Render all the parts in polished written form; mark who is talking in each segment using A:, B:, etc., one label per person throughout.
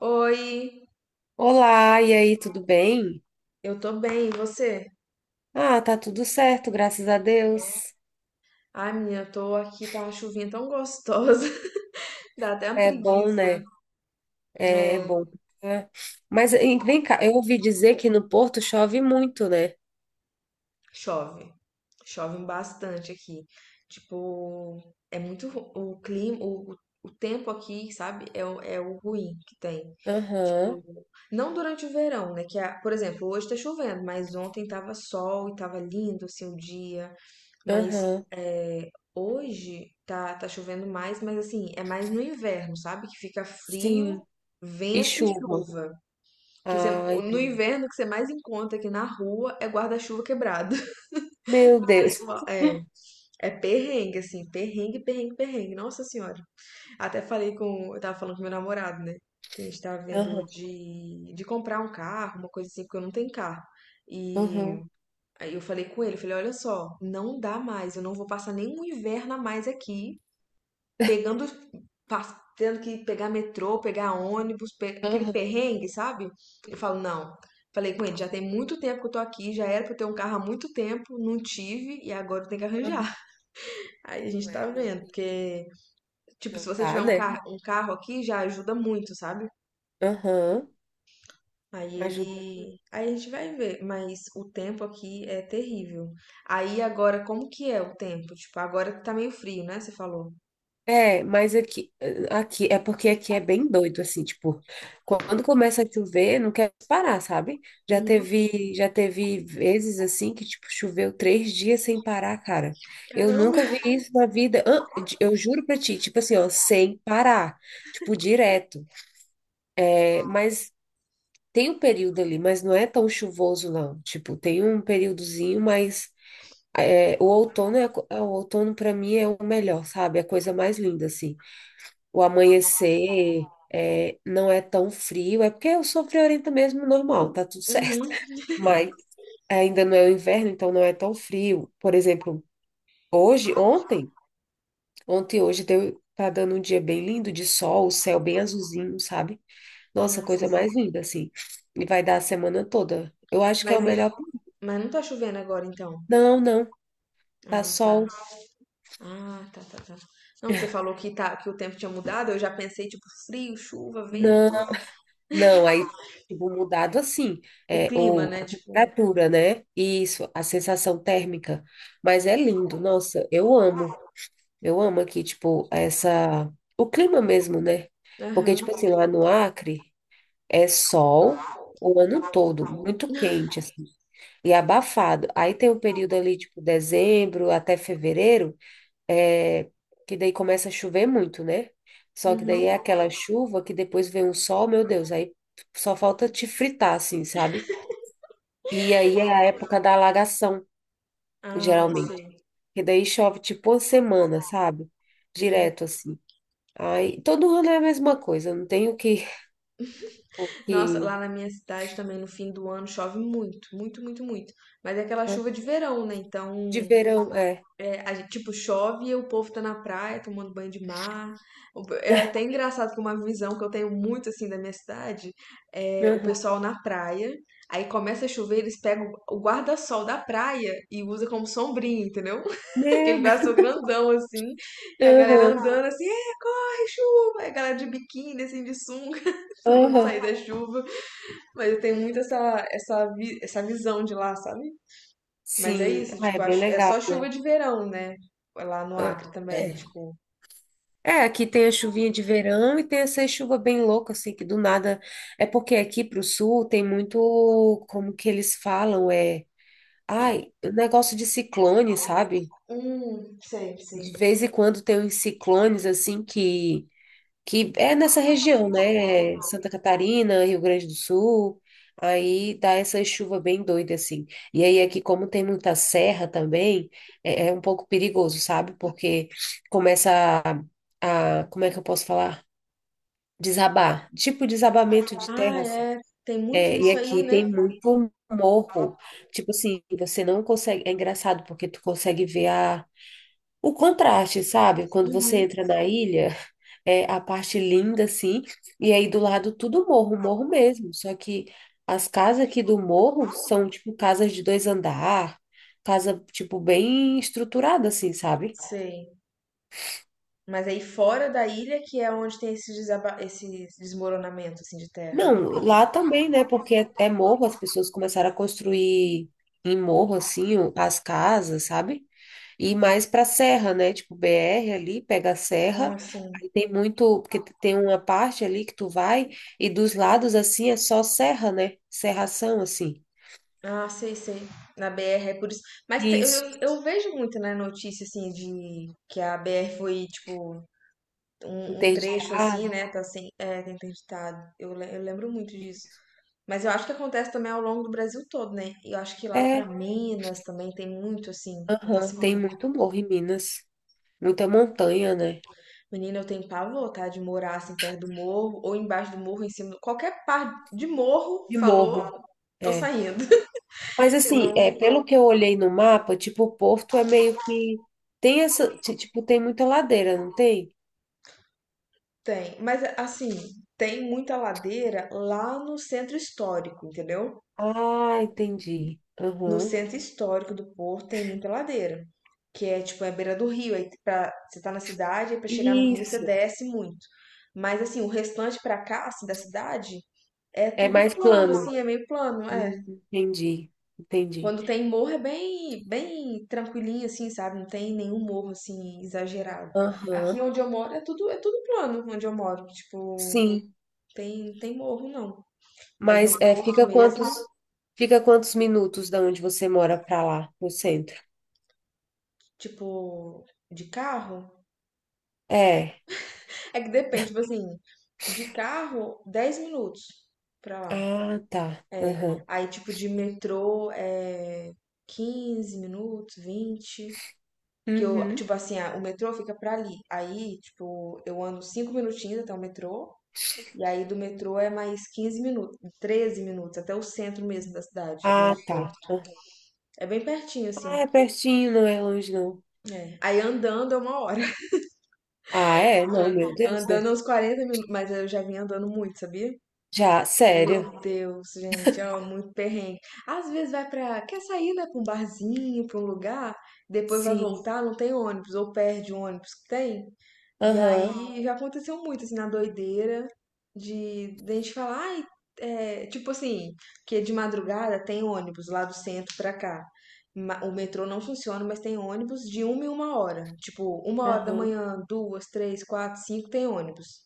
A: Oi,
B: Olá, e aí, tudo bem?
A: eu tô bem, e você?
B: Ah, tá tudo certo, graças a Deus.
A: Ai, menina, eu tô aqui, tá uma chuvinha tão gostosa, dá até uma
B: É bom,
A: preguiça.
B: né? É, é
A: É,
B: bom. É. Mas hein, vem cá, eu ouvi dizer que no Porto chove muito, né?
A: chove, chove bastante aqui. Tipo, o clima, o tempo aqui, sabe? É, é o ruim que tem.
B: Aham,
A: Tipo, não durante o verão, né? Que, por exemplo, hoje tá chovendo, mas ontem tava sol e tava lindo, assim, o dia. Mas
B: aham,
A: é, hoje tá chovendo mais, mas assim, é mais no inverno, sabe? Que fica
B: sim.
A: frio,
B: E
A: vento e
B: chuva.
A: chuva.
B: Ah,
A: No
B: entendi.
A: inverno, o que você mais encontra aqui na rua é guarda-chuva quebrado.
B: Meu
A: O
B: Deus.
A: pessoal, é perrengue, assim, perrengue, perrengue, perrengue. Nossa Senhora. Eu tava falando com meu namorado, né? Que a gente tava vendo
B: Aham,
A: de comprar um carro, uma coisa assim, porque eu não tenho carro. E
B: aham,
A: aí eu falei com ele, falei, olha só, não dá mais, eu não vou passar nenhum inverno a mais aqui, pegando, tendo que pegar metrô, pegar ônibus, aquele
B: aham.
A: perrengue, sabe? Eu
B: Sim,
A: falo, não. Falei com ele, já tem muito tempo que eu tô aqui, já era pra eu ter um carro há muito tempo, não tive, e agora eu tenho que
B: aham.
A: arranjar. Aí a
B: Não
A: gente tá
B: é, não.
A: vendo, porque, tipo, se
B: Não
A: você
B: dá,
A: tiver um,
B: né?
A: car um carro aqui, já ajuda muito, sabe?
B: Aham.
A: Aí
B: Ajuda.
A: ele. Aí a gente vai ver, mas o tempo aqui é terrível. Aí agora, como que é o tempo? Tipo, agora que tá meio frio, né? Você falou.
B: É, mas aqui, aqui é porque aqui é bem doido, assim, tipo, quando começa a chover, não quer parar, sabe? Já
A: Uhum.
B: teve, já teve vezes assim que, tipo, choveu três dias sem parar, cara. Eu
A: Caramba.
B: nunca vi isso na vida. Ah, eu juro pra ti, tipo assim, ó, sem parar, tipo, direto. É, mas tem um período ali, mas não é tão chuvoso, não. Tipo, tem um períodozinho, mas é, o outono é, é, o outono para mim é o melhor, sabe? É a coisa mais linda, assim o amanhecer é, não é tão frio, é porque eu sou friorenta mesmo, normal, tá tudo certo.
A: Uhum.
B: Mas ainda não é o inverno, então não é tão frio. Por exemplo, hoje, ontem, ontem e hoje deu, tá dando um dia bem lindo de sol, o céu bem azulzinho, sabe? Nossa,
A: Ah, sim.
B: coisa mais linda, assim. E vai dar a semana toda. Eu acho que é
A: Mas,
B: o melhor.
A: mas não tá chovendo agora, então.
B: Não, não, tá
A: Ah, tá.
B: sol.
A: Ah, tá, tá, tá. Não, você falou que, tá, que o tempo tinha mudado, eu já pensei, tipo, frio, chuva,
B: Não.
A: vento.
B: Não, aí, tipo, mudado assim,
A: O
B: é,
A: clima,
B: o,
A: né?
B: a
A: Tipo.
B: temperatura, né? Isso, a sensação térmica. Mas é lindo, nossa, eu amo. Eu amo aqui, tipo, essa... O clima mesmo, né? Porque,
A: Aham.
B: tipo assim, lá no Acre é sol o ano todo, muito quente, assim, e abafado. Aí tem o período ali, tipo, dezembro até fevereiro, é, que daí começa a chover muito, né? Só que daí
A: Uhum.
B: é aquela chuva que depois vem um sol, meu Deus, aí só falta te fritar, assim, sabe? E aí é a época da alagação,
A: Ah,
B: geralmente.
A: sei.
B: E daí chove tipo uma semana, sabe?
A: Uhum.
B: Direto, assim. Aí, todo ano é a mesma coisa, não tem o
A: Nossa,
B: que...
A: lá na minha cidade também no fim do ano chove muito, muito, muito, muito. Mas é aquela chuva de verão, né? Então,
B: De verão, é.
A: é, a gente, tipo, chove e o povo tá na praia tomando banho de mar. É até engraçado que uma visão que eu tenho muito, assim, da minha cidade é o
B: Aham.
A: pessoal na praia. Aí começa a chover, eles pegam o guarda-sol da praia e usa como sombrinha, entendeu?
B: Meu
A: Aquele guarda-sol
B: Deus.
A: grandão, assim. E a galera
B: Aham,
A: andando assim, ai, chuva! Aí a galera de biquíni, assim, de sunga, tentando
B: aham.
A: sair da chuva. Mas eu tenho muito essa visão de lá, sabe? Mas é
B: Sim,
A: isso,
B: ah, é
A: tipo,
B: bem
A: é só
B: legal,
A: chuva
B: né?
A: de verão, né? Lá no
B: Ah,
A: Acre também,
B: é.
A: tipo.
B: É, aqui tem a chuvinha de verão e tem essa chuva bem louca, assim, que do nada. É porque aqui pro sul tem muito, como que eles falam, é. Ai, o negócio de ciclone, sabe?
A: Sei,
B: De
A: sei.
B: vez em quando tem uns ciclones, assim, que. Que é nessa região, né? Santa Catarina, Rio Grande do Sul. Aí dá essa chuva bem doida, assim. E aí aqui, como tem muita serra também, é, é um pouco perigoso, sabe? Porque começa Como é que eu posso falar? Desabar, tipo desabamento de
A: Ah,
B: terra, assim.
A: é. Tem muito
B: É, e
A: isso aí,
B: aqui
A: né?
B: tem muito morro. Tipo assim, você não consegue. É engraçado porque tu consegue ver a, o contraste, sabe? Quando você
A: Uhum,
B: entra na ilha, é a parte linda, assim, e aí do lado tudo morro, morro mesmo. Só que as casas aqui do morro são tipo casas de dois andar, casa, tipo, bem estruturada, assim, sabe?
A: sei. Mas aí fora da ilha que é onde tem esse desmoronamento, assim, de terra.
B: Não, lá também, né? Porque é, é morro, as pessoas começaram a construir em morro, assim, as casas, sabe? E mais pra serra, né? Tipo, BR ali, pega a serra,
A: Ah, sim.
B: aí tem muito, porque tem uma parte ali que tu vai, e dos lados, assim, é só serra, né? Serração, assim.
A: Ah, sei, sei. Na BR é por isso. Mas te- eu,
B: Isso,
A: eu vejo muito, né, notícia, assim, de que a BR foi, tipo, um trecho assim,
B: interditada.
A: né? Tá assim, é, tá interditado. Eu lembro muito disso. Mas eu acho que acontece também ao longo do Brasil todo, né? E eu acho que lá pra
B: É,
A: Minas também tem muito, assim,
B: aham,
A: acontece
B: tem
A: muito.
B: muito morro em Minas. Muita montanha, né?
A: Menina, eu tenho pavor, tá? De morar assim perto do morro, ou embaixo do morro, em cima. Qualquer parte de morro
B: De morro.
A: falou, tô
B: É.
A: saindo.
B: Mas
A: Eu
B: assim,
A: não
B: é, pelo que eu olhei no mapa, tipo, o Porto é meio que tem essa, tipo, tem muita ladeira, não tem?
A: tenho. Mas assim, tem muita ladeira lá no centro histórico, entendeu?
B: Ah, entendi.
A: No
B: Aham.
A: centro histórico do Porto tem muita ladeira, que é tipo, é a beira do rio. Aí pra, você tá na cidade, aí pra chegar no rio você
B: Isso.
A: desce muito. Mas assim, o restante pra cá, assim, da cidade, é
B: É
A: tudo
B: mais
A: plano,
B: plano.
A: assim, é meio plano, é.
B: Entendi, entendi.
A: Quando tem morro é bem, bem tranquilinho, assim, sabe? Não tem nenhum morro, assim, exagerado. Aqui
B: Aham.
A: onde eu moro é tudo plano, onde eu moro. Tipo,
B: Sim,
A: tem morro, não. Mas no
B: mas é,
A: Porto mesmo,
B: fica quantos minutos da onde você mora para lá, no centro?
A: tipo, de carro,
B: É.
A: é que depende, tipo assim, de carro, 10 minutos pra lá.
B: Ah, tá.
A: É.
B: Aham.
A: Aí, tipo, de metrô é 15 minutos, 20. Que eu,
B: Uhum.
A: tipo assim, ah, o metrô fica pra ali. Aí, tipo, eu ando 5 minutinhos até o metrô. E aí do metrô é mais 15 minutos, 13 minutos, até o centro mesmo da cidade, do
B: Ah,
A: ponto.
B: tá. Aham.
A: É bem pertinho,
B: Ah,
A: assim.
B: é pertinho, não é longe, não.
A: É. Aí andando é uma hora.
B: Ah, é? Não, meu Deus,
A: Andando
B: né?
A: é uns 40 minutos, mas eu já vim andando muito, sabia?
B: Já, sério.
A: Meu Deus, gente, ó, muito perrengue. Às vezes vai pra. Quer sair, né, pra um barzinho, pra um lugar, depois vai
B: Sim.
A: voltar, não tem ônibus, ou perde o ônibus que tem. E
B: Aham.
A: aí já aconteceu muito, assim, na doideira, de a gente falar, ai, é, tipo assim, que de madrugada tem ônibus lá do centro pra cá. O metrô não funciona, mas tem ônibus de uma em uma hora. Tipo, uma hora da
B: Aham.
A: manhã, duas, três, quatro, cinco, tem ônibus.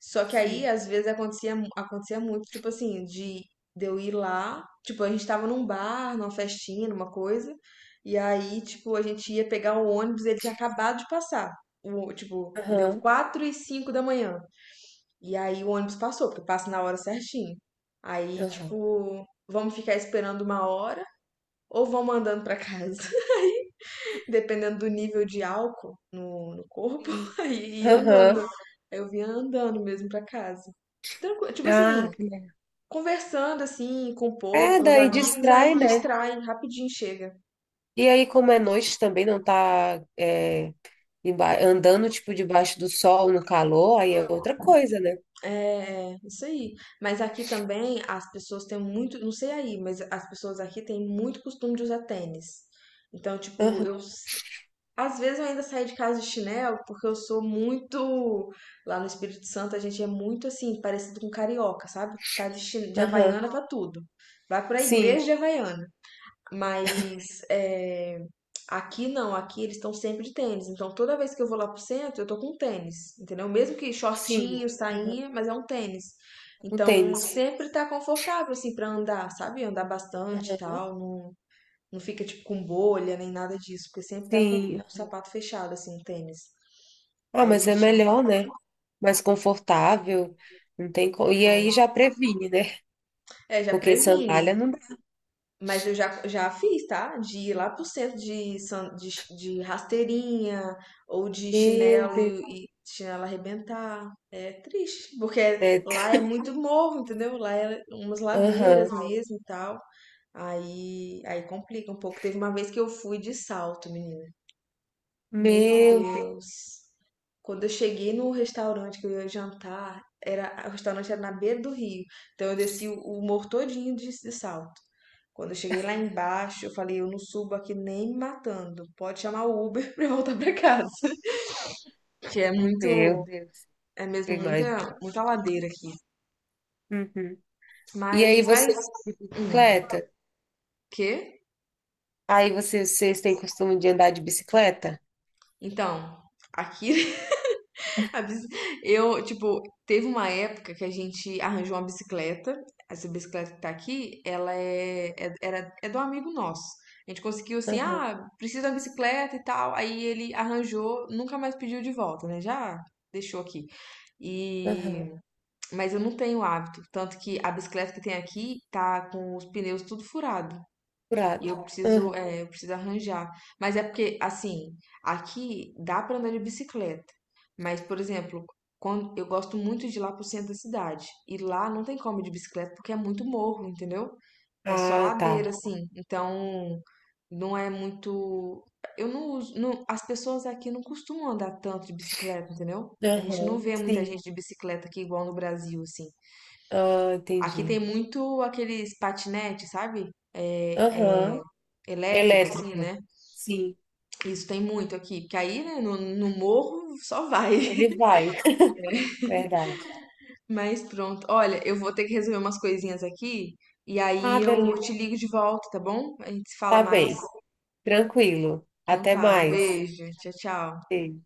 A: Só que aí,
B: Sim.
A: às vezes, acontecia muito, tipo assim, de eu ir lá, tipo, a gente tava num bar, numa festinha, numa coisa, e aí, tipo, a gente ia pegar o ônibus, ele tinha acabado de passar. Tipo, deu
B: Aham.
A: 4:05 da manhã. E aí o ônibus passou, porque passa na hora certinho. Aí,
B: Aham.
A: tipo, vamos ficar esperando uma hora ou vamos andando pra casa? Dependendo do nível de álcool no corpo,
B: Sim.
A: e ia andando.
B: Aham.
A: Aí eu vinha andando mesmo pra casa. Tranquilo, tipo assim,
B: Ah, que legal.
A: conversando assim com o povo,
B: É,
A: com os
B: daí
A: amigos, aí
B: distrai, né?
A: distrai, rapidinho chega.
B: E aí, como é noite também, não tá é, andando, tipo, debaixo do sol, no calor, aí é outra coisa, né?
A: É isso aí. Mas aqui também as pessoas têm muito, não sei aí, mas as pessoas aqui têm muito costume de usar tênis. Então, tipo,
B: Aham,
A: eu. Às vezes eu ainda saio de casa de chinelo, porque eu sou muito. Lá no Espírito Santo a gente é muito assim, parecido com carioca, sabe? Tá de
B: aham.
A: Havaiana pra tudo. Vai pra
B: Sim,
A: igreja de Havaiana. Mas é, aqui não, aqui eles estão sempre de tênis. Então toda vez que eu vou lá pro centro, eu tô com tênis, entendeu? Mesmo que
B: sim.
A: shortinho,
B: Aham.
A: sainha, mas é um tênis.
B: O
A: Então
B: tênis.
A: sempre tá confortável, assim, pra andar, sabe? Andar bastante e
B: Aham.
A: tal. Não, não fica, tipo, com bolha nem nada disso, porque sempre tá com o
B: Sim.
A: sapato fechado, assim, o tênis.
B: Ah,
A: Aí a
B: mas é
A: gente.
B: melhor, né? Mais confortável. Não tem co... E aí já previne, né?
A: É, já
B: Porque
A: previne.
B: sandália não.
A: Mas eu já fiz, tá? De ir lá pro centro de rasteirinha ou de
B: Meu
A: chinelo
B: Deus.
A: e chinelo arrebentar. É triste, porque
B: É,
A: lá é muito morro, entendeu? Lá é umas ladeiras
B: aham.
A: mesmo e tal. Aí complica um pouco. Teve uma vez que eu fui de salto, menina. Meu
B: Meu Deus,
A: Deus. Quando eu cheguei no restaurante que eu ia jantar, o restaurante era na beira do rio. Então eu desci o morro todinho de salto. Quando eu cheguei lá embaixo, eu falei, eu não subo aqui nem me matando. Pode chamar o Uber pra eu voltar pra casa. Que é muito,
B: meu Deus.
A: é mesmo
B: Eu
A: muita,
B: imagino.
A: muita ladeira aqui.
B: Uhum. E aí
A: Mas,
B: você
A: mas,
B: de
A: hum,
B: bicicleta?
A: quê?
B: Aí vocês têm costume de andar de bicicleta?
A: Então, aqui. A bici- Eu, tipo, teve uma época que a gente arranjou uma bicicleta. Essa bicicleta que tá aqui, ela é do amigo nosso. A gente conseguiu assim,
B: Aham,
A: ah, precisa de uma bicicleta e tal. Aí ele arranjou, nunca mais pediu de volta, né? Já deixou aqui. E,
B: aham.
A: mas eu não tenho hábito. Tanto que a bicicleta que tem aqui tá com os pneus tudo furado. E
B: Curado.
A: eu preciso,
B: Aham.
A: é, eu preciso arranjar. Mas é porque, assim, aqui dá pra andar de bicicleta. Mas, por exemplo, quando eu gosto muito de ir lá pro centro da cidade. E lá não tem como ir de bicicleta porque é muito morro, entendeu? É só
B: Ah,
A: ladeira,
B: tá.
A: assim. Então, não é muito. Eu não uso. As pessoas aqui não costumam andar tanto de bicicleta, entendeu? A gente não
B: Aham.
A: vê muita gente
B: Sim.
A: de bicicleta aqui igual no Brasil, assim.
B: Ah,
A: Aqui tem
B: entendi.
A: muito aqueles patinetes, sabe? É
B: Aham.
A: elétrico, assim,
B: Elétrico.
A: né?
B: Sim.
A: Isso tem muito aqui. Porque aí, né, no morro só vai.
B: Ele vai. Verdade.
A: Mas pronto. Olha, eu vou ter que resolver umas coisinhas aqui. E aí
B: Ah,
A: eu
B: beleza.
A: te ligo de volta, tá bom? A gente se fala
B: Tá
A: mais.
B: bem. Tranquilo.
A: Então
B: Até
A: tá, um
B: mais.
A: beijo. Tchau, tchau.
B: Beijo.